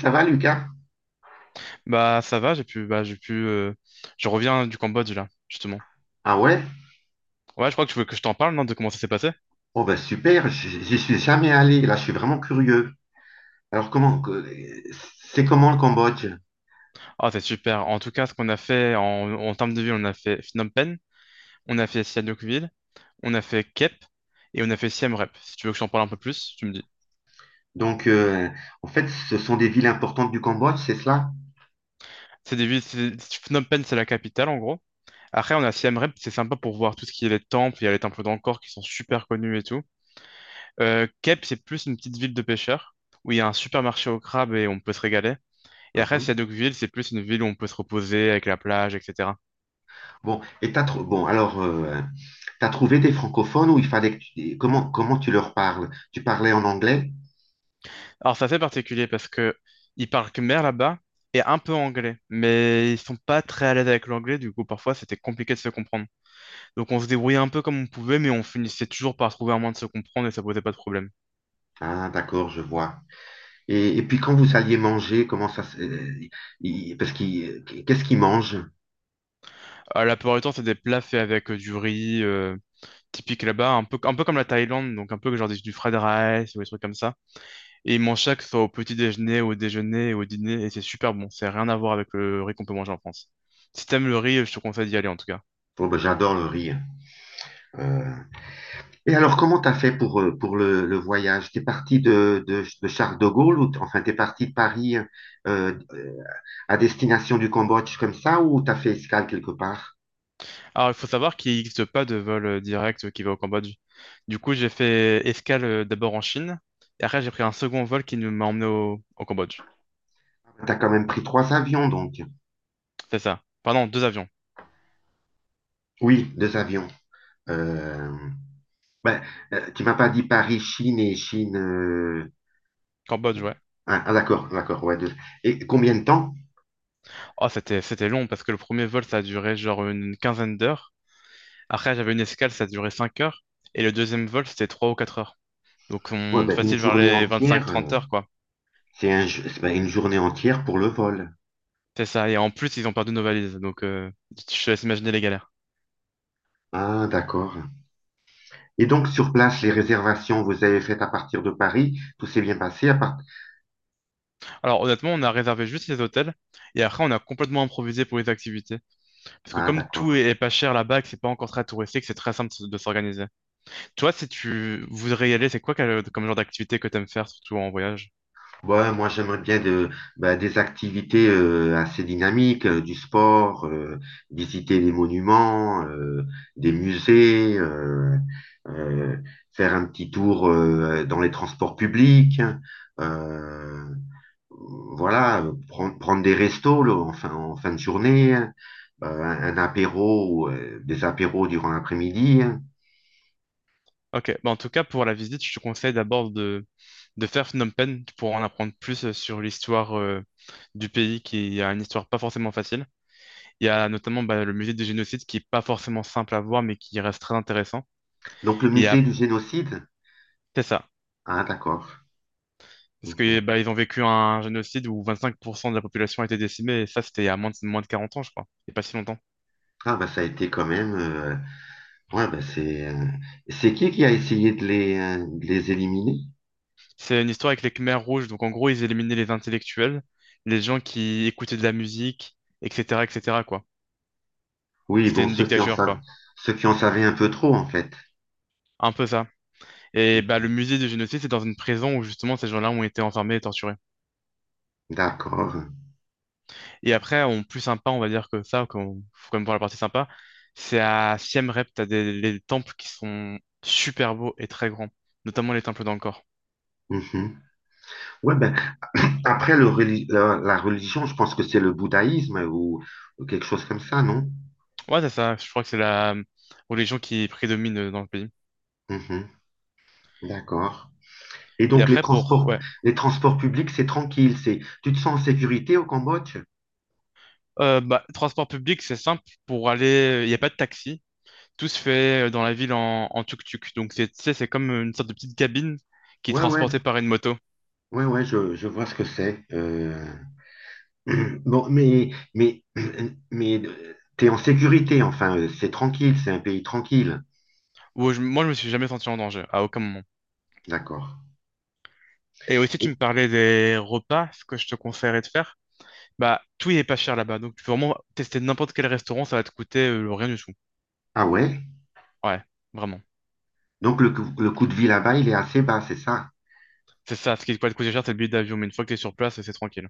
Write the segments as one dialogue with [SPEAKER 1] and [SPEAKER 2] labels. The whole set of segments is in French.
[SPEAKER 1] Ça va, Lucas?
[SPEAKER 2] Bah ça va, j'ai pu, bah j'ai pu, je reviens du Cambodge là, justement.
[SPEAKER 1] Ah ouais?
[SPEAKER 2] Ouais, je crois que tu veux que je t'en parle, non, de comment ça s'est passé?
[SPEAKER 1] Oh ben super, j'y suis jamais allé. Là, je suis vraiment curieux. Alors c'est comment le Cambodge?
[SPEAKER 2] Ah, c'est super. En tout cas, ce qu'on a fait en termes de ville, on a fait Phnom Penh, on a fait Sihanoukville, on a fait Kep et on a fait Siem Reap. Si tu veux que je t'en parle un peu plus, tu me dis.
[SPEAKER 1] Donc en fait, ce sont des villes importantes du Cambodge, c'est cela?
[SPEAKER 2] C'est des villes. Phnom Penh, c'est la capitale en gros. Après, on a Siem Reap, c'est sympa pour voir tout ce qui est les temples. Il y a les temples d'Angkor qui sont super connus et tout. Kep, c'est plus une petite ville de pêcheurs où il y a un supermarché au crabe et on peut se régaler. Et après, s'il y a
[SPEAKER 1] Mhm.
[SPEAKER 2] Deauville, c'est plus une ville où on peut se reposer avec la plage, etc.
[SPEAKER 1] Bon, et bon alors t'as trouvé des francophones où il fallait que comment tu leur parles? Tu parlais en anglais?
[SPEAKER 2] Alors, c'est assez particulier parce que ils parlent khmer là-bas et un peu anglais, mais ils sont pas très à l'aise avec l'anglais, du coup, parfois, c'était compliqué de se comprendre. Donc, on se débrouillait un peu comme on pouvait, mais on finissait toujours par trouver un moyen de se comprendre et ça posait pas de problème.
[SPEAKER 1] Ah, d'accord, je vois. Et puis quand vous alliez manger, comment ça se- il- parce qu'est-ce qu'ils mangent?
[SPEAKER 2] La plupart du temps, c'est des plats faits avec du riz, typique là-bas, un peu comme la Thaïlande, donc un peu genre du fried rice ou des trucs comme ça. Et ils mangent ça que ce soit au petit déjeuner, au dîner, et c'est super bon. C'est rien à voir avec le riz qu'on peut manger en France. Si t'aimes le riz, je te conseille d'y aller en tout cas.
[SPEAKER 1] Oh, ben, j'adore le riz, hein. Euh, Et alors, comment t'as fait pour le voyage? T'es parti de Charles de Gaulle ou enfin t'es parti de Paris, euh, à destination du Cambodge comme ça ou t'as fait escale quelque part?
[SPEAKER 2] Alors, il faut savoir qu'il n'existe pas de vol direct qui va au Cambodge. Du coup, j'ai fait escale d'abord en Chine, et après, j'ai pris un second vol qui nous m'a emmené au Cambodge.
[SPEAKER 1] T'as quand même pris trois avions donc.
[SPEAKER 2] C'est ça. Pardon, deux avions.
[SPEAKER 1] Oui, deux avions. Euh, ben, tu m'as pas dit Paris, Chine et Chine,
[SPEAKER 2] Cambodge, ouais.
[SPEAKER 1] Ah, ah, d'accord, d'accord, ouais. Deux. Et combien de temps?
[SPEAKER 2] Oh, c'était long parce que le premier vol, ça a duré genre une quinzaine d'heures. Après, j'avais une escale, ça a duré 5 heures. Et le deuxième vol, c'était 3 ou 4 heures. Donc, on
[SPEAKER 1] Ouais,
[SPEAKER 2] monte
[SPEAKER 1] ben, une
[SPEAKER 2] facile vers
[SPEAKER 1] journée
[SPEAKER 2] les vingt-cinq
[SPEAKER 1] entière.
[SPEAKER 2] trente heures, quoi.
[SPEAKER 1] C'est un, ju- c'est, ben, une journée entière pour le vol.
[SPEAKER 2] C'est ça, et en plus, ils ont perdu nos valises, donc je te laisse imaginer les galères.
[SPEAKER 1] Ah, d'accord. Et donc, sur place, les réservations, vous avez faites à partir de Paris, tout s'est bien passé à part.
[SPEAKER 2] Alors honnêtement, on a réservé juste les hôtels, et après, on a complètement improvisé pour les activités. Parce que
[SPEAKER 1] Ah,
[SPEAKER 2] comme tout
[SPEAKER 1] d'accord.
[SPEAKER 2] est pas cher là-bas, et que c'est pas encore très touristique, c'est très simple de s'organiser. Toi, si tu voudrais y aller, c'est quoi comme genre d'activité que t'aimes faire, surtout en voyage?
[SPEAKER 1] Ouais, moi, j'aimerais bien bah, des activités, assez dynamiques, du sport, visiter des monuments, des musées, euh, faire un petit tour, dans les transports publics, euh, voilà, prendre des restos là, en fin de journée, hein, un apéro, des apéros durant l'après-midi, hein.
[SPEAKER 2] Ok, bah en tout cas, pour la visite, je te conseille d'abord de faire Phnom Penh pour en apprendre plus sur l'histoire du pays, qui a une histoire pas forcément facile. Il y a notamment bah, le musée du génocide qui est pas forcément simple à voir, mais qui reste très intéressant.
[SPEAKER 1] Donc le
[SPEAKER 2] Et
[SPEAKER 1] musée
[SPEAKER 2] ap-
[SPEAKER 1] du génocide?
[SPEAKER 2] c'est ça.
[SPEAKER 1] Ah, d'accord.
[SPEAKER 2] Parce
[SPEAKER 1] Mhm.
[SPEAKER 2] que bah, ils ont vécu un génocide où 25% de la population a été décimée, et ça, c'était il y a moins de 40 ans, je crois. C'est pas si longtemps.
[SPEAKER 1] Ah, bah ça a été quand même. Ouais, bah c'est. C'est qui a essayé de les éliminer?
[SPEAKER 2] C'est une histoire avec les Khmers rouges. Donc, en gros, ils éliminaient les intellectuels, les gens qui écoutaient de la musique, etc., etc., quoi.
[SPEAKER 1] Oui,
[SPEAKER 2] C'était
[SPEAKER 1] bon,
[SPEAKER 2] une dictature, quoi.
[SPEAKER 1] ceux qui en savaient un peu trop, en fait.
[SPEAKER 2] Un peu ça. Et bah,
[SPEAKER 1] Mhm.
[SPEAKER 2] le musée du génocide, c'est dans une prison où justement ces gens-là ont été enfermés et torturés.
[SPEAKER 1] D'accord.
[SPEAKER 2] Et après, en plus sympa, on va dire que ça, qu'on faut quand même voir la partie sympa, c'est à Siem Reap, t'as des les temples qui sont super beaux et très grands, notamment les temples d'Angkor.
[SPEAKER 1] Mhm. Ouais, ben après la religion, je pense que c'est le bouddhaïsme, ou quelque chose comme ça, non?
[SPEAKER 2] Ouais, c'est ça. Je crois que c'est la religion qui prédomine dans le pays.
[SPEAKER 1] Mhm. D'accord. Et
[SPEAKER 2] Et
[SPEAKER 1] donc
[SPEAKER 2] après, pour... Ouais.
[SPEAKER 1] les transports publics, c'est tranquille, c'est tu te sens en sécurité au Cambodge?
[SPEAKER 2] Bah, transport public, c'est simple. Pour aller... Il n'y a pas de taxi. Tout se fait dans la ville en tuk-tuk. Donc, tu sais, c'est comme une sorte de petite cabine qui est
[SPEAKER 1] Ouais, ouais.
[SPEAKER 2] transportée par une moto.
[SPEAKER 1] Ouais, ouais, je vois ce que c'est. Bon, mais t'es en sécurité, enfin, c'est tranquille, c'est un pays tranquille.
[SPEAKER 2] Où moi, je me suis jamais senti en danger, à aucun moment.
[SPEAKER 1] D'accord.
[SPEAKER 2] Et aussi, tu
[SPEAKER 1] Et-
[SPEAKER 2] me parlais des repas, ce que je te conseillerais de faire. Bah, tout n'est pas cher là-bas. Donc, tu peux vraiment tester n'importe quel restaurant, ça va te coûter rien du tout.
[SPEAKER 1] Ah, ouais?
[SPEAKER 2] Ouais, vraiment.
[SPEAKER 1] Donc le coût de vie là-bas, il est assez bas, c'est ça?
[SPEAKER 2] C'est ça, ce qui va te coûter cher, c'est le billet d'avion. Mais une fois que tu es sur place, c'est tranquille.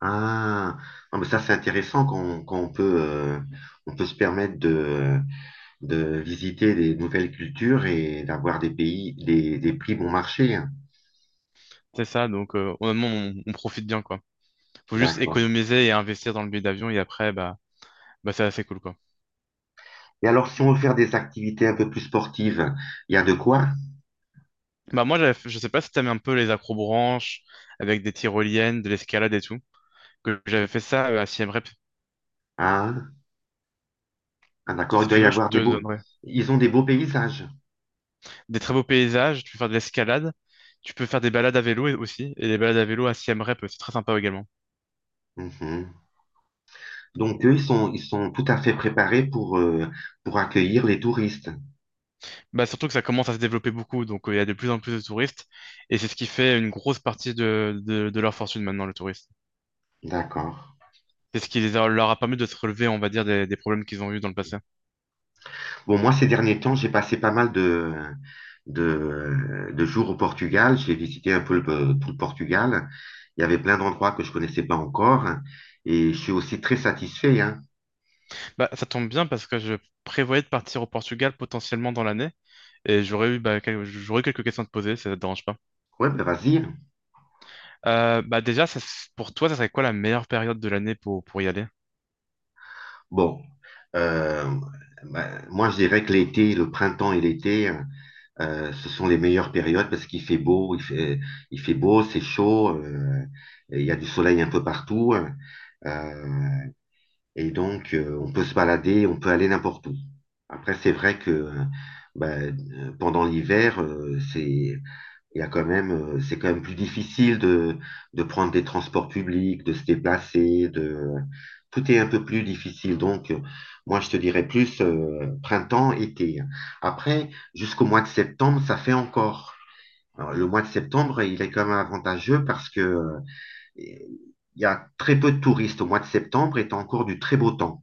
[SPEAKER 1] Ah, non, mais ça, c'est intéressant qu'on peut, on peut se permettre de visiter des nouvelles cultures et d'avoir des pays, des prix bon marché, hein.
[SPEAKER 2] C'est ça, donc honnêtement, on profite bien, quoi. Faut juste
[SPEAKER 1] D'accord.
[SPEAKER 2] économiser et investir dans le billet d'avion, et après, bah c'est assez cool, quoi.
[SPEAKER 1] Et alors, si on veut faire des activités un peu plus sportives, il y a de quoi?
[SPEAKER 2] Bah moi, je sais pas si t'aimes un peu les acrobranches, avec des tyroliennes, de l'escalade et tout, que j'avais fait ça à Siem Reap.
[SPEAKER 1] Ah, ah, d'accord,
[SPEAKER 2] Si
[SPEAKER 1] il doit
[SPEAKER 2] tu
[SPEAKER 1] y
[SPEAKER 2] veux, je
[SPEAKER 1] avoir
[SPEAKER 2] te
[SPEAKER 1] des beaux.
[SPEAKER 2] donnerai
[SPEAKER 1] Ils ont des beaux paysages.
[SPEAKER 2] des très beaux paysages, tu peux faire de l'escalade, tu peux faire des balades à vélo aussi, et les balades à vélo à Siem Reap, c'est très sympa également.
[SPEAKER 1] Mhm. Donc, eux, ils sont tout à fait préparés pour accueillir les touristes.
[SPEAKER 2] Bah surtout que ça commence à se développer beaucoup, donc il y a de plus en plus de touristes, et c'est ce qui fait une grosse partie de leur fortune maintenant, le tourisme.
[SPEAKER 1] D'accord.
[SPEAKER 2] C'est ce qui leur a permis de se relever, on va dire, des problèmes qu'ils ont eu dans le passé.
[SPEAKER 1] Bon, moi, ces derniers temps, j'ai passé pas mal de jours au Portugal. J'ai visité un peu tout le Portugal. Il y avait plein d'endroits que je connaissais pas encore. Et je suis aussi très satisfait, hein.
[SPEAKER 2] Bah, ça tombe bien parce que je prévoyais de partir au Portugal potentiellement dans l'année et j'aurais quelques questions à te poser, ça te dérange pas.
[SPEAKER 1] Ouais, ben vas-y.
[SPEAKER 2] Bah déjà, pour toi, ça serait quoi la meilleure période de l'année pour y aller?
[SPEAKER 1] Bon, euh, bah, moi, je dirais que l'été, le printemps et l'été. Ce sont les meilleures périodes parce qu'il fait beau, il fait beau, c'est chaud, et il y a du soleil un peu partout. euh, et donc, on peut se balader, on peut aller n'importe où. Après, c'est vrai que bah, pendant l'hiver, c'est il y a quand même, c'est quand même plus difficile de prendre des transports publics, de se déplacer, tout est un peu plus difficile. Donc, moi, je te dirais plus, printemps, été. Après, jusqu'au mois de septembre, ça fait encore. Alors, le mois de septembre, il est quand même avantageux parce que il y a très peu de touristes au mois de septembre et t'as encore du très beau temps.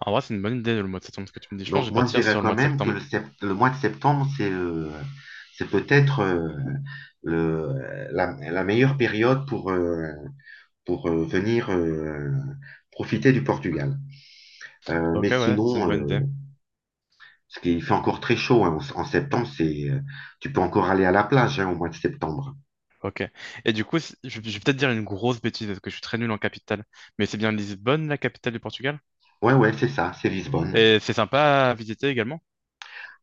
[SPEAKER 2] En vrai, c'est une bonne idée le mois de septembre, ce que tu me dis. Je pense que
[SPEAKER 1] Donc
[SPEAKER 2] je vais
[SPEAKER 1] moi, je
[SPEAKER 2] partir
[SPEAKER 1] dirais
[SPEAKER 2] sur le
[SPEAKER 1] quand
[SPEAKER 2] mois de
[SPEAKER 1] même que
[SPEAKER 2] septembre.
[SPEAKER 1] le mois de septembre, c'est, peut-être, la meilleure période pour venir profiter du Portugal. Euh,
[SPEAKER 2] Ok,
[SPEAKER 1] mais
[SPEAKER 2] ouais, c'est une
[SPEAKER 1] sinon,
[SPEAKER 2] bonne idée.
[SPEAKER 1] ce qui fait encore très chaud, hein, en septembre, c'est, tu peux encore aller à la plage, hein, au mois de septembre.
[SPEAKER 2] Ok. Et du coup, je vais peut-être dire une grosse bêtise parce que je suis très nul en capitale. Mais c'est bien Lisbonne, la capitale du Portugal?
[SPEAKER 1] Ouais, ouais, c'est ça, c'est Lisbonne.
[SPEAKER 2] Et c'est sympa à visiter également.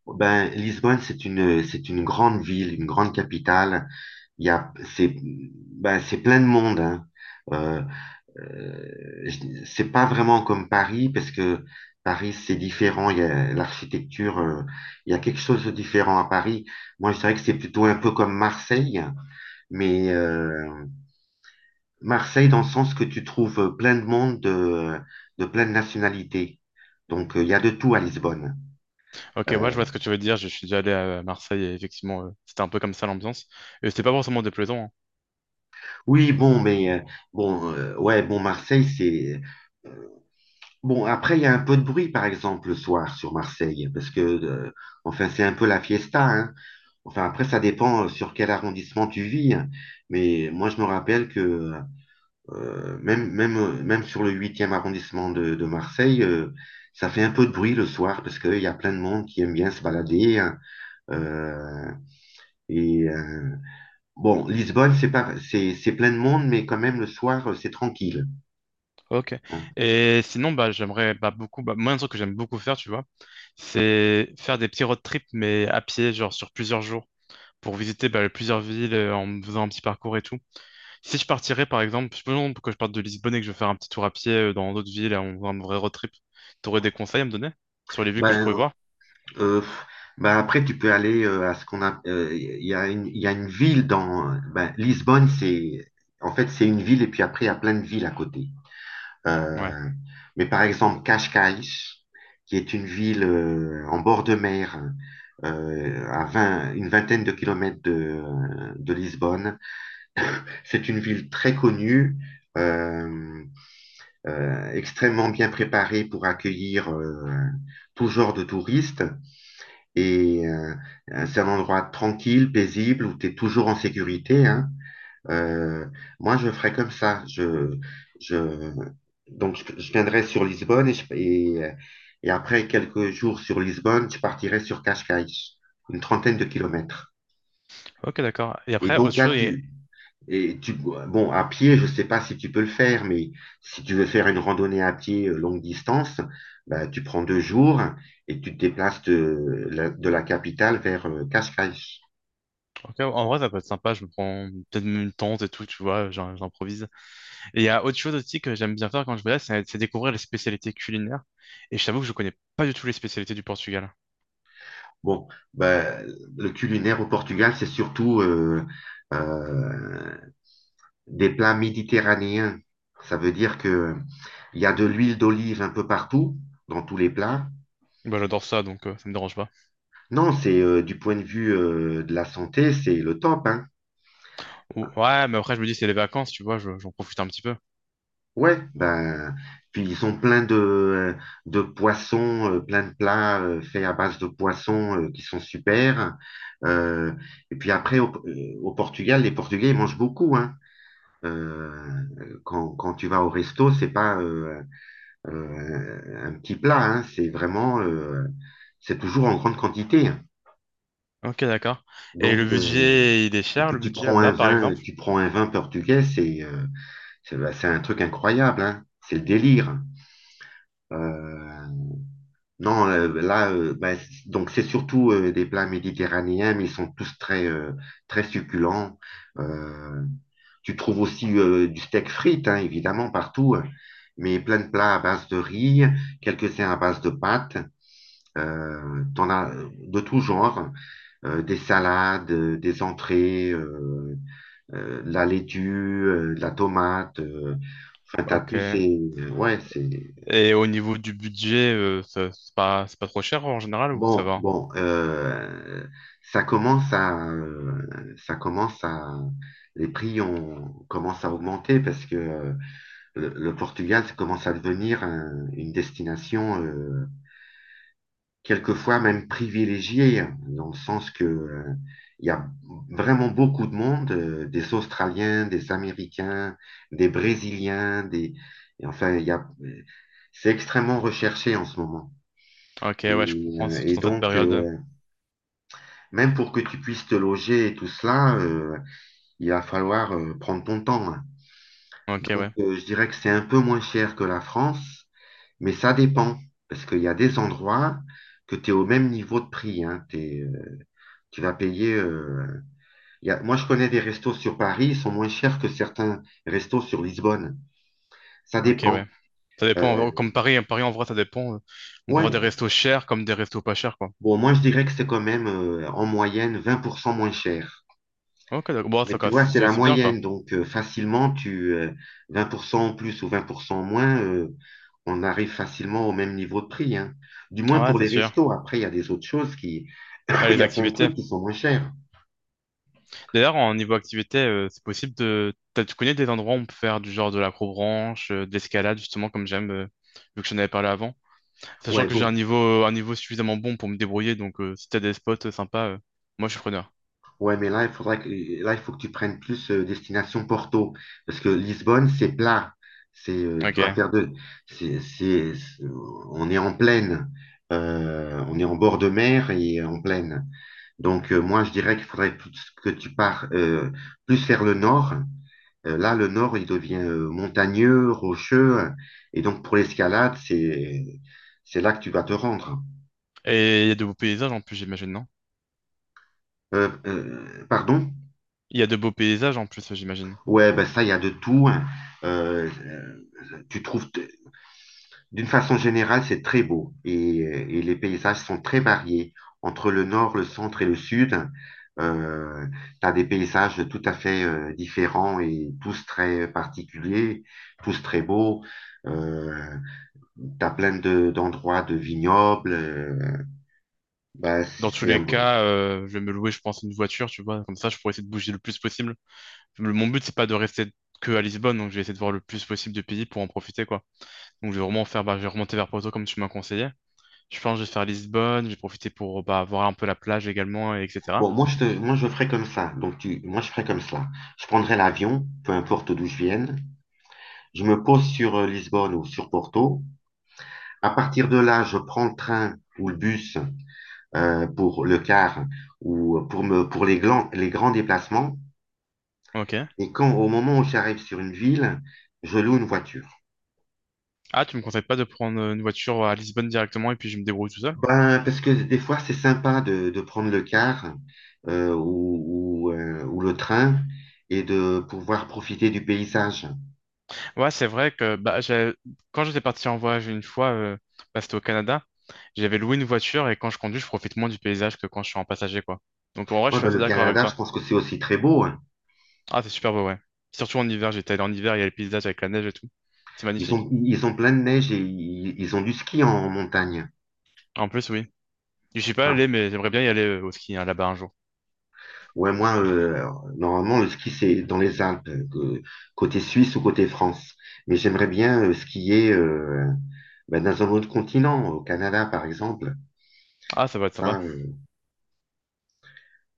[SPEAKER 1] Ben, Lisbonne, c'est une grande ville, une grande capitale. Il y a, c'est, ben, c'est plein de monde, hein. Euh, c'est pas vraiment comme Paris, parce que Paris, c'est différent. Il y a l'architecture, il y a quelque chose de différent à Paris. Moi, je dirais que c'est plutôt un peu comme Marseille, mais Marseille dans le sens que tu trouves plein de monde de plein de nationalités. Donc, il y a de tout à Lisbonne.
[SPEAKER 2] Ok, ouais,
[SPEAKER 1] Euh,
[SPEAKER 2] je vois ce que tu veux dire. Je suis déjà allé à Marseille et effectivement, c'était un peu comme ça l'ambiance. Et c'était pas forcément déplaisant, hein.
[SPEAKER 1] oui, bon, mais bon, ouais, bon, Marseille, c'est bon. Après, il y a un peu de bruit, par exemple, le soir sur Marseille, parce que enfin, c'est un peu la fiesta, hein. Enfin, après, ça dépend, sur quel arrondissement tu vis, hein. Mais moi, je me rappelle que même sur le huitième arrondissement de Marseille, ça fait un peu de bruit le soir parce qu'il y a plein de monde qui aime bien se balader, hein. Euh, et euh, bon, Lisbonne, c'est pas, c'est plein de monde, mais quand même, le soir, c'est tranquille,
[SPEAKER 2] Ok.
[SPEAKER 1] hein.
[SPEAKER 2] Et sinon, bah, j'aimerais bah, beaucoup. Bah, moi, un truc que j'aime beaucoup faire, tu vois, c'est faire des petits road trips, mais à pied, genre sur plusieurs jours, pour visiter bah, plusieurs villes en faisant un petit parcours et tout. Si je partirais, par exemple, je me demande pourquoi je parte de Lisbonne et que je vais faire un petit tour à pied dans d'autres villes, un vrai road trip, t'aurais des conseils à me donner sur les villes que je
[SPEAKER 1] Ben,
[SPEAKER 2] pourrais voir?
[SPEAKER 1] Euh, bah après, tu peux aller, à ce qu'on a. Il y a une ville dans. Ben, Lisbonne, c'est. En fait, c'est une ville, et puis après, il y a plein de villes à côté.
[SPEAKER 2] Ouais.
[SPEAKER 1] Euh, mais par exemple, Cascais, qui est une ville, en bord de mer, à 20 une vingtaine de kilomètres de Lisbonne, c'est une ville très connue. euh, Extrêmement bien préparée pour accueillir, tout genre de touristes. Et c'est un endroit tranquille, paisible, où tu es toujours en sécurité, hein. Euh, Moi, je ferais comme ça. Je, donc, je viendrais sur Lisbonne et après quelques jours sur Lisbonne, je partirais sur Cascais, une trentaine de kilomètres.
[SPEAKER 2] Ok, d'accord. Et
[SPEAKER 1] Et
[SPEAKER 2] après, autre
[SPEAKER 1] donc là,
[SPEAKER 2] chose,
[SPEAKER 1] tu, bon, à pied, je sais pas si tu peux le faire, mais si tu veux faire une randonnée à pied, longue distance, bah, tu prends deux jours et tu te déplaces de la capitale vers, Cascais.
[SPEAKER 2] ok, en vrai, ça peut être sympa, je me prends peut-être même une tente et tout, tu vois, j'improvise. Et il y a autre chose aussi que j'aime bien faire quand je voyage, c'est découvrir les spécialités culinaires. Et je t'avoue que je connais pas du tout les spécialités du Portugal.
[SPEAKER 1] Bon, ben, le culinaire au Portugal, c'est surtout, euh, des plats méditerranéens. Ça veut dire que il y a de l'huile d'olive un peu partout, dans tous les plats.
[SPEAKER 2] Bah, j'adore ça, donc ça me dérange pas.
[SPEAKER 1] Non, c'est, du point de vue, de la santé, c'est le top, hein.
[SPEAKER 2] Ouais, mais après, je me dis, c'est les vacances, tu vois, j'en profite un petit peu.
[SPEAKER 1] Ouais, ben, puis ils ont plein de poissons, plein de plats, faits à base de poissons, qui sont super. Euh, et puis après, au Portugal, les Portugais, ils mangent beaucoup, hein. Quand tu vas au resto, c'est pas, un petit plat, hein, c'est vraiment, c'est toujours en grande quantité.
[SPEAKER 2] Ok, d'accord. Et le
[SPEAKER 1] Donc,
[SPEAKER 2] budget, il est
[SPEAKER 1] et
[SPEAKER 2] cher,
[SPEAKER 1] puis
[SPEAKER 2] le
[SPEAKER 1] tu
[SPEAKER 2] budget
[SPEAKER 1] prends un
[SPEAKER 2] là-bas, par
[SPEAKER 1] vin,
[SPEAKER 2] exemple?
[SPEAKER 1] tu prends un vin portugais, c'est bah, c'est un truc incroyable, hein, c'est le délire. Euh, non, là, bah, donc c'est surtout, des plats méditerranéens, mais ils sont tous très, très succulents. Euh, Tu trouves aussi, du steak frites, hein, évidemment, partout, hein, mais plein de plats à base de riz, quelques-uns à base de pâtes. T'en as, de tout genre, des salades, des entrées, de la laitue, de la tomate. Enfin, t'as tous
[SPEAKER 2] Ok.
[SPEAKER 1] ces. Ouais, c'est.
[SPEAKER 2] Et au niveau du budget, c'est pas trop cher en général ou ça
[SPEAKER 1] Bon,
[SPEAKER 2] va?
[SPEAKER 1] bon, euh, ça commence à. Ça commence à. Les prix commencent à augmenter parce que le Portugal ça commence à devenir, une destination, quelquefois même privilégiée, hein, dans le sens que, il y a vraiment beaucoup de monde, des Australiens, des Américains, des Brésiliens, des et enfin il y a, c'est extrêmement recherché en ce moment.
[SPEAKER 2] Ok,
[SPEAKER 1] Et,
[SPEAKER 2] ouais, je comprends,
[SPEAKER 1] euh,
[SPEAKER 2] surtout
[SPEAKER 1] et
[SPEAKER 2] dans cette
[SPEAKER 1] donc,
[SPEAKER 2] période.
[SPEAKER 1] même pour que tu puisses te loger et tout cela, il va falloir, prendre ton temps, hein.
[SPEAKER 2] Ok,
[SPEAKER 1] Donc,
[SPEAKER 2] ouais.
[SPEAKER 1] je dirais que c'est un peu moins cher que la France, mais ça dépend, parce qu'il y a des endroits que tu es au même niveau de prix, hein. Tu vas payer. Moi, je connais des restos sur Paris, ils sont moins chers que certains restos sur Lisbonne. Ça
[SPEAKER 2] Ok,
[SPEAKER 1] dépend.
[SPEAKER 2] ouais. Ça
[SPEAKER 1] Euh,
[SPEAKER 2] dépend, comme Paris, hein, Paris en vrai, ça dépend. On peut
[SPEAKER 1] ouais,
[SPEAKER 2] avoir des restos chers comme des restos pas chers, quoi.
[SPEAKER 1] bon, moi, je dirais que c'est quand même, en moyenne 20% moins cher.
[SPEAKER 2] Ok, d'accord. Bon,
[SPEAKER 1] Mais
[SPEAKER 2] ça,
[SPEAKER 1] tu
[SPEAKER 2] quoi,
[SPEAKER 1] vois,
[SPEAKER 2] c'est
[SPEAKER 1] c'est
[SPEAKER 2] c'est-
[SPEAKER 1] la
[SPEAKER 2] c'est bien, quoi.
[SPEAKER 1] moyenne, donc, facilement, tu 20% en plus ou 20% en moins, on arrive facilement au même niveau de prix, hein. Du moins
[SPEAKER 2] Ouais,
[SPEAKER 1] pour
[SPEAKER 2] c'est
[SPEAKER 1] les
[SPEAKER 2] sûr.
[SPEAKER 1] restos. Après, il y a des autres choses qui,
[SPEAKER 2] Ouais,
[SPEAKER 1] il
[SPEAKER 2] les
[SPEAKER 1] y a plein de
[SPEAKER 2] activités.
[SPEAKER 1] trucs qui sont moins chers.
[SPEAKER 2] D'ailleurs, en niveau activité, c'est possible de. T'as- tu connais des endroits où on peut faire du genre de l'acrobranche, de l'escalade, justement, comme j'aime, vu que j'en avais parlé avant? Sachant
[SPEAKER 1] Ouais,
[SPEAKER 2] que j'ai un
[SPEAKER 1] bon.
[SPEAKER 2] niveau, un niveau suffisamment bon pour me débrouiller, donc si t'as des spots sympas, moi je suis preneur.
[SPEAKER 1] Ouais, mais là, là, il faut que tu prennes plus destination Porto, parce que Lisbonne, c'est plat. C'est, tu vas
[SPEAKER 2] Ok.
[SPEAKER 1] faire de, c'est- On est en plaine. On est en bord de mer et en plaine. Donc, moi, je dirais qu'il faudrait que tu pars plus vers le nord. Là, le nord, il devient montagneux, rocheux. Et donc, pour l'escalade, c'est là que tu vas te rendre.
[SPEAKER 2] Et il y a de beaux paysages en plus, j'imagine, non?
[SPEAKER 1] Pardon?
[SPEAKER 2] Il y a de beaux paysages en plus, j'imagine.
[SPEAKER 1] Ouais, ben ça, il y a de tout, hein. Euh, euh, tu trouves, t- D'une façon générale, c'est très beau, et les paysages sont très variés. Entre le nord, le centre et le sud, euh, tu as des paysages tout à fait différents et tous très particuliers, tous très beaux. Euh, Tu as d'endroits de vignobles. Bah, c'est
[SPEAKER 2] Dans tous
[SPEAKER 1] c'est un...
[SPEAKER 2] les
[SPEAKER 1] bon,
[SPEAKER 2] cas, je vais me louer, je pense, une voiture, tu vois, comme ça je pourrais essayer de bouger le plus possible. Mon but, c'est pas de rester que à Lisbonne, donc je vais essayer de voir le plus possible de pays pour en profiter, quoi. Donc je vais vraiment faire, bah, je vais remonter vers Porto comme tu m'as conseillé. Je pense que je vais faire Lisbonne, je vais profiter pour bah, voir un peu la plage également, et etc.
[SPEAKER 1] Bon, moi, je ferais comme ça. Moi, je ferais comme cela. Je prendrais l'avion, peu importe d'où je vienne. Je me pose sur Lisbonne ou sur Porto. À partir de là, je prends le train ou le bus pour le car ou pour les grands déplacements.
[SPEAKER 2] Ok.
[SPEAKER 1] Et quand Au moment où j'arrive sur une ville, je loue une voiture.
[SPEAKER 2] Ah, tu me conseilles pas de prendre une voiture à Lisbonne directement et puis je me débrouille tout seul?
[SPEAKER 1] Ben, parce que des fois, c'est sympa de prendre le car ou le train et de pouvoir profiter du paysage.
[SPEAKER 2] Ouais, c'est vrai que bah, quand j'étais parti en voyage une fois, bah, c'était au Canada, j'avais loué une voiture et quand je conduis, je profite moins du paysage que quand je suis en passager, quoi. Donc en vrai, je
[SPEAKER 1] Moi,
[SPEAKER 2] suis
[SPEAKER 1] ben,
[SPEAKER 2] assez
[SPEAKER 1] le
[SPEAKER 2] d'accord avec
[SPEAKER 1] Canada,
[SPEAKER 2] toi.
[SPEAKER 1] je pense que c'est aussi très beau, hein.
[SPEAKER 2] Ah, c'est super beau, ouais. Surtout en hiver, j'étais allé en hiver, il y a le paysage avec la neige et tout. C'est magnifique.
[SPEAKER 1] Ils ont plein de neige, et ils ont du ski en montagne.
[SPEAKER 2] En plus, oui. Je suis pas
[SPEAKER 1] Ah,
[SPEAKER 2] allé, mais j'aimerais bien y aller au ski hein, là-bas un jour.
[SPEAKER 1] ouais, moi, alors, normalement, le ski, c'est dans les Alpes, côté Suisse ou côté France. Mais j'aimerais bien skier, ben, dans un autre continent, au Canada, par exemple.
[SPEAKER 2] Ah, ça va être
[SPEAKER 1] Ça,
[SPEAKER 2] sympa.
[SPEAKER 1] euh,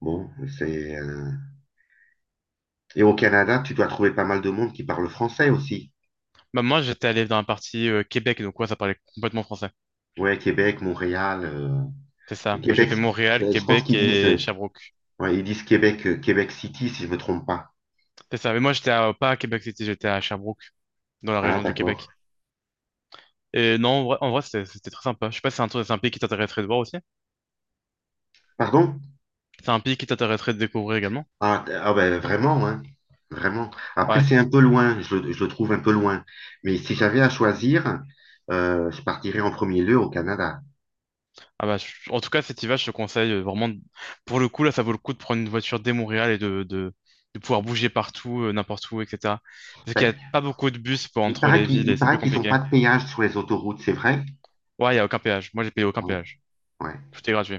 [SPEAKER 1] bon, c'est, euh, Et au Canada, tu dois trouver pas mal de monde qui parle français aussi.
[SPEAKER 2] Bah, moi, j'étais allé dans la partie Québec, donc ouais, ça parlait complètement français.
[SPEAKER 1] Ouais, Québec, Montréal. euh,
[SPEAKER 2] C'est
[SPEAKER 1] et
[SPEAKER 2] ça. Bah, j'ai
[SPEAKER 1] Québec,
[SPEAKER 2] fait Montréal,
[SPEAKER 1] je pense
[SPEAKER 2] Québec
[SPEAKER 1] qu'ils disent,
[SPEAKER 2] et Sherbrooke.
[SPEAKER 1] ouais, ils disent Québec, Québec City, si je me trompe pas.
[SPEAKER 2] C'est ça, mais moi pas à Québec City, j'étais à Sherbrooke, dans la
[SPEAKER 1] Ah,
[SPEAKER 2] région du
[SPEAKER 1] d'accord.
[SPEAKER 2] Québec. Et non, en vrai, c'était très sympa. Je sais pas si c'est c'est un pays qui t'intéresserait de voir aussi.
[SPEAKER 1] Pardon?
[SPEAKER 2] C'est un pays qui t'intéresserait de découvrir également.
[SPEAKER 1] Ah, ah ben, vraiment, hein. Vraiment. Après,
[SPEAKER 2] Ouais.
[SPEAKER 1] c'est un peu loin, je le trouve un peu loin. Mais si j'avais à choisir, je partirais en premier lieu au Canada.
[SPEAKER 2] Ah bah, en tout cas, cet hiver, je te conseille vraiment. Pour le coup, là, ça vaut le coup de prendre une voiture dès Montréal et de pouvoir bouger partout, n'importe où, etc. Parce qu'il y a
[SPEAKER 1] Ben,
[SPEAKER 2] pas beaucoup de bus pour entre les villes
[SPEAKER 1] il
[SPEAKER 2] et c'est
[SPEAKER 1] paraît
[SPEAKER 2] plus
[SPEAKER 1] qu'ils n'ont
[SPEAKER 2] compliqué.
[SPEAKER 1] pas de péage sur les autoroutes, c'est vrai?
[SPEAKER 2] Ouais, il y a aucun péage. Moi, j'ai payé aucun
[SPEAKER 1] Oui.
[SPEAKER 2] péage.
[SPEAKER 1] Ouais,
[SPEAKER 2] Tout est gratuit.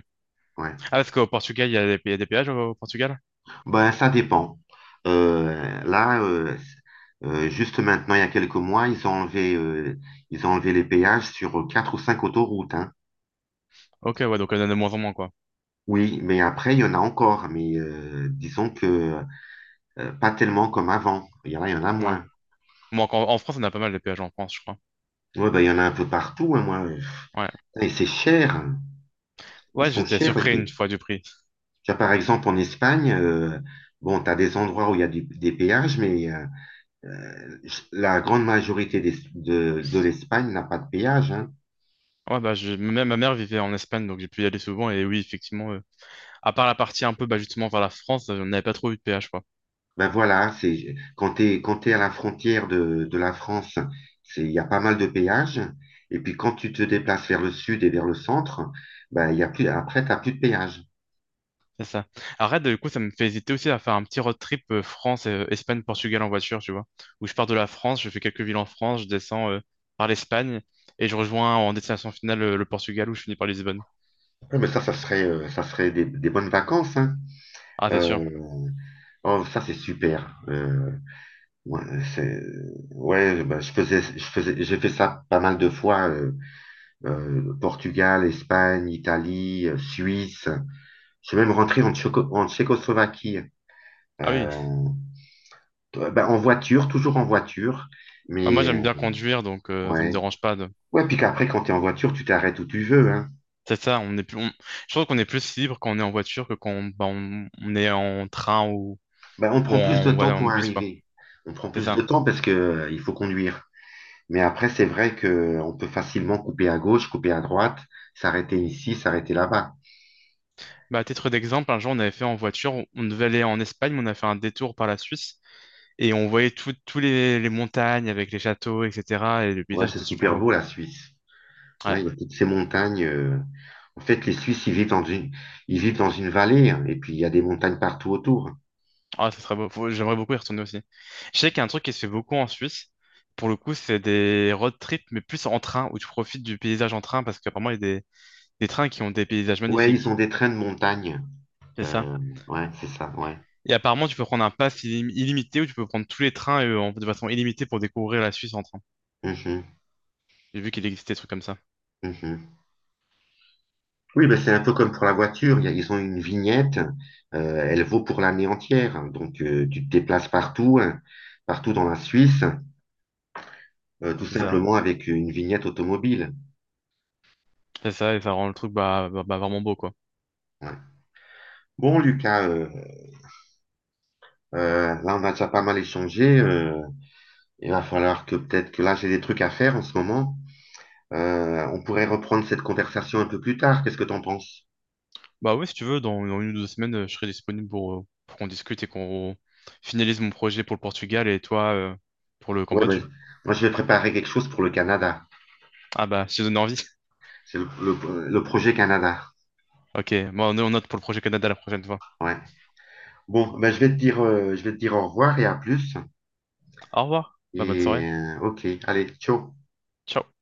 [SPEAKER 1] ouais.
[SPEAKER 2] Ah, parce qu'au Portugal, il y a il y a des péages au Portugal?
[SPEAKER 1] Ben, ça dépend. Euh, là, euh, juste maintenant, il y a quelques mois, ils ont enlevé les péages sur quatre ou cinq autoroutes, hein.
[SPEAKER 2] Ok, ouais, donc il y en a de moins en moins, quoi.
[SPEAKER 1] Oui, mais après, il y en a encore. Mais disons que pas tellement comme avant. Il y en a
[SPEAKER 2] Ouais.
[SPEAKER 1] moins.
[SPEAKER 2] Bon, en France, on a pas mal de péages en France, je crois.
[SPEAKER 1] Ouais, bah, il y en a un peu partout, hein, moi.
[SPEAKER 2] Ouais,
[SPEAKER 1] Putain, et c'est cher, hein. Ils
[SPEAKER 2] ouais,
[SPEAKER 1] sont
[SPEAKER 2] j'étais
[SPEAKER 1] chers, les
[SPEAKER 2] surpris une
[SPEAKER 1] pays.
[SPEAKER 2] fois du prix.
[SPEAKER 1] Tu vois, par exemple, en Espagne, bon, tu as des endroits où il y a des péages, mais euh, la grande majorité de l'Espagne n'a pas de péage, hein.
[SPEAKER 2] Ouais, bah, je... ma mère vivait en Espagne, donc j'ai pu y aller souvent. Et oui, effectivement, à part la partie un peu bah, justement vers la France, on n'avait pas trop eu de péage, quoi.
[SPEAKER 1] Ben voilà, c'est, quand t'es à la frontière de la France, c'est, il y a pas mal de péages. Et puis quand tu te déplaces vers le sud et vers le centre, ben, il y a plus, après, tu plus de péage.
[SPEAKER 2] C'est ça. Arrête, du coup, ça me fait hésiter aussi à faire un petit road trip France, Espagne, Portugal en voiture, tu vois. Où je pars de la France, je fais quelques villes en France, je descends par l'Espagne et je rejoins en destination finale le Portugal où je finis par Lisbonne.
[SPEAKER 1] Ouais, mais ça, ça serait des bonnes vacances, hein.
[SPEAKER 2] Ah, c'est sûr.
[SPEAKER 1] Euh, Oh, ça c'est super. Ouais, c'est, ouais, bah, j'ai fait ça pas mal de fois. Portugal, Espagne, Italie, Suisse. Je suis même rentré en, en Tchécoslovaquie.
[SPEAKER 2] Ah oui.
[SPEAKER 1] Euh, Bah, en voiture, toujours en voiture.
[SPEAKER 2] Bah, moi,
[SPEAKER 1] Mais
[SPEAKER 2] j'aime bien conduire, donc ça me
[SPEAKER 1] ouais,
[SPEAKER 2] dérange pas. De.
[SPEAKER 1] ouais. Puis qu'après, quand t'es en voiture, tu t'arrêtes où tu veux, hein.
[SPEAKER 2] C'est ça, on est plus, on- je trouve qu'on est plus libre quand on est en voiture que quand on, bah, on est en train ou,
[SPEAKER 1] Bah, on
[SPEAKER 2] ou
[SPEAKER 1] prend plus de
[SPEAKER 2] en,
[SPEAKER 1] temps
[SPEAKER 2] voilà, en
[SPEAKER 1] pour
[SPEAKER 2] bus, quoi.
[SPEAKER 1] arriver. On prend
[SPEAKER 2] C'est
[SPEAKER 1] plus de
[SPEAKER 2] ça.
[SPEAKER 1] temps parce que il faut conduire. Mais après, c'est vrai que on peut facilement couper à gauche, couper à droite, s'arrêter ici, s'arrêter là-bas.
[SPEAKER 2] Bah, à titre d'exemple, un jour, on avait fait en voiture, on devait aller en Espagne, mais on a fait un détour par la Suisse et on voyait toutes tous les montagnes avec les châteaux, etc. Et le
[SPEAKER 1] Ouais,
[SPEAKER 2] paysage
[SPEAKER 1] c'est
[SPEAKER 2] était super
[SPEAKER 1] super
[SPEAKER 2] beau.
[SPEAKER 1] beau, la Suisse. Ouais, il
[SPEAKER 2] Ouais,
[SPEAKER 1] y a toutes ces montagnes. En fait, les Suisses, ils vivent dans une vallée, hein, et puis il y a des montagnes partout autour.
[SPEAKER 2] ah, ça serait beau. J'aimerais beaucoup y retourner aussi. Je sais qu'il y a un truc qui se fait beaucoup en Suisse. Pour le coup, c'est des road trips, mais plus en train, où tu profites du paysage en train, parce qu'apparemment, il y a des trains qui ont des paysages
[SPEAKER 1] Ouais, ils ont
[SPEAKER 2] magnifiques.
[SPEAKER 1] des trains de montagne.
[SPEAKER 2] C'est ça?
[SPEAKER 1] Euh, ouais, c'est ça, ouais.
[SPEAKER 2] Et apparemment, tu peux prendre un illimité ou tu peux prendre tous les trains de façon illimitée pour découvrir la Suisse en train.
[SPEAKER 1] Mhm,
[SPEAKER 2] J'ai vu qu'il existait des trucs comme ça.
[SPEAKER 1] mhm. Oui, mais c'est un peu comme pour la voiture. Ils ont une vignette, elle vaut pour l'année entière, hein. Donc, tu te déplaces partout, hein, partout dans la Suisse, tout
[SPEAKER 2] C'est ça.
[SPEAKER 1] simplement avec une vignette automobile.
[SPEAKER 2] C'est ça, et ça rend le truc vraiment beau, quoi.
[SPEAKER 1] Ouais. Bon, Lucas, là, on a déjà pas mal échangé. Il va falloir que peut-être que là, j'ai des trucs à faire en ce moment. On pourrait reprendre cette conversation un peu plus tard. Qu'est-ce que t'en penses?
[SPEAKER 2] Bah ouais, si tu veux, dans une ou deux semaines, je serai disponible pour qu'on discute et qu'on finalise mon projet pour le Portugal et toi pour le
[SPEAKER 1] Ouais, ben,
[SPEAKER 2] Cambodge.
[SPEAKER 1] moi, je vais préparer quelque chose pour le Canada.
[SPEAKER 2] Ah bah, je te donne envie.
[SPEAKER 1] C'est le projet Canada.
[SPEAKER 2] Ok, bon, on note pour le projet Canada la prochaine fois.
[SPEAKER 1] Ouais. Bon, ben, je vais te dire au revoir et à plus.
[SPEAKER 2] Au revoir. Bah, bonne soirée.
[SPEAKER 1] Et ok, allez, ciao.
[SPEAKER 2] Ciao.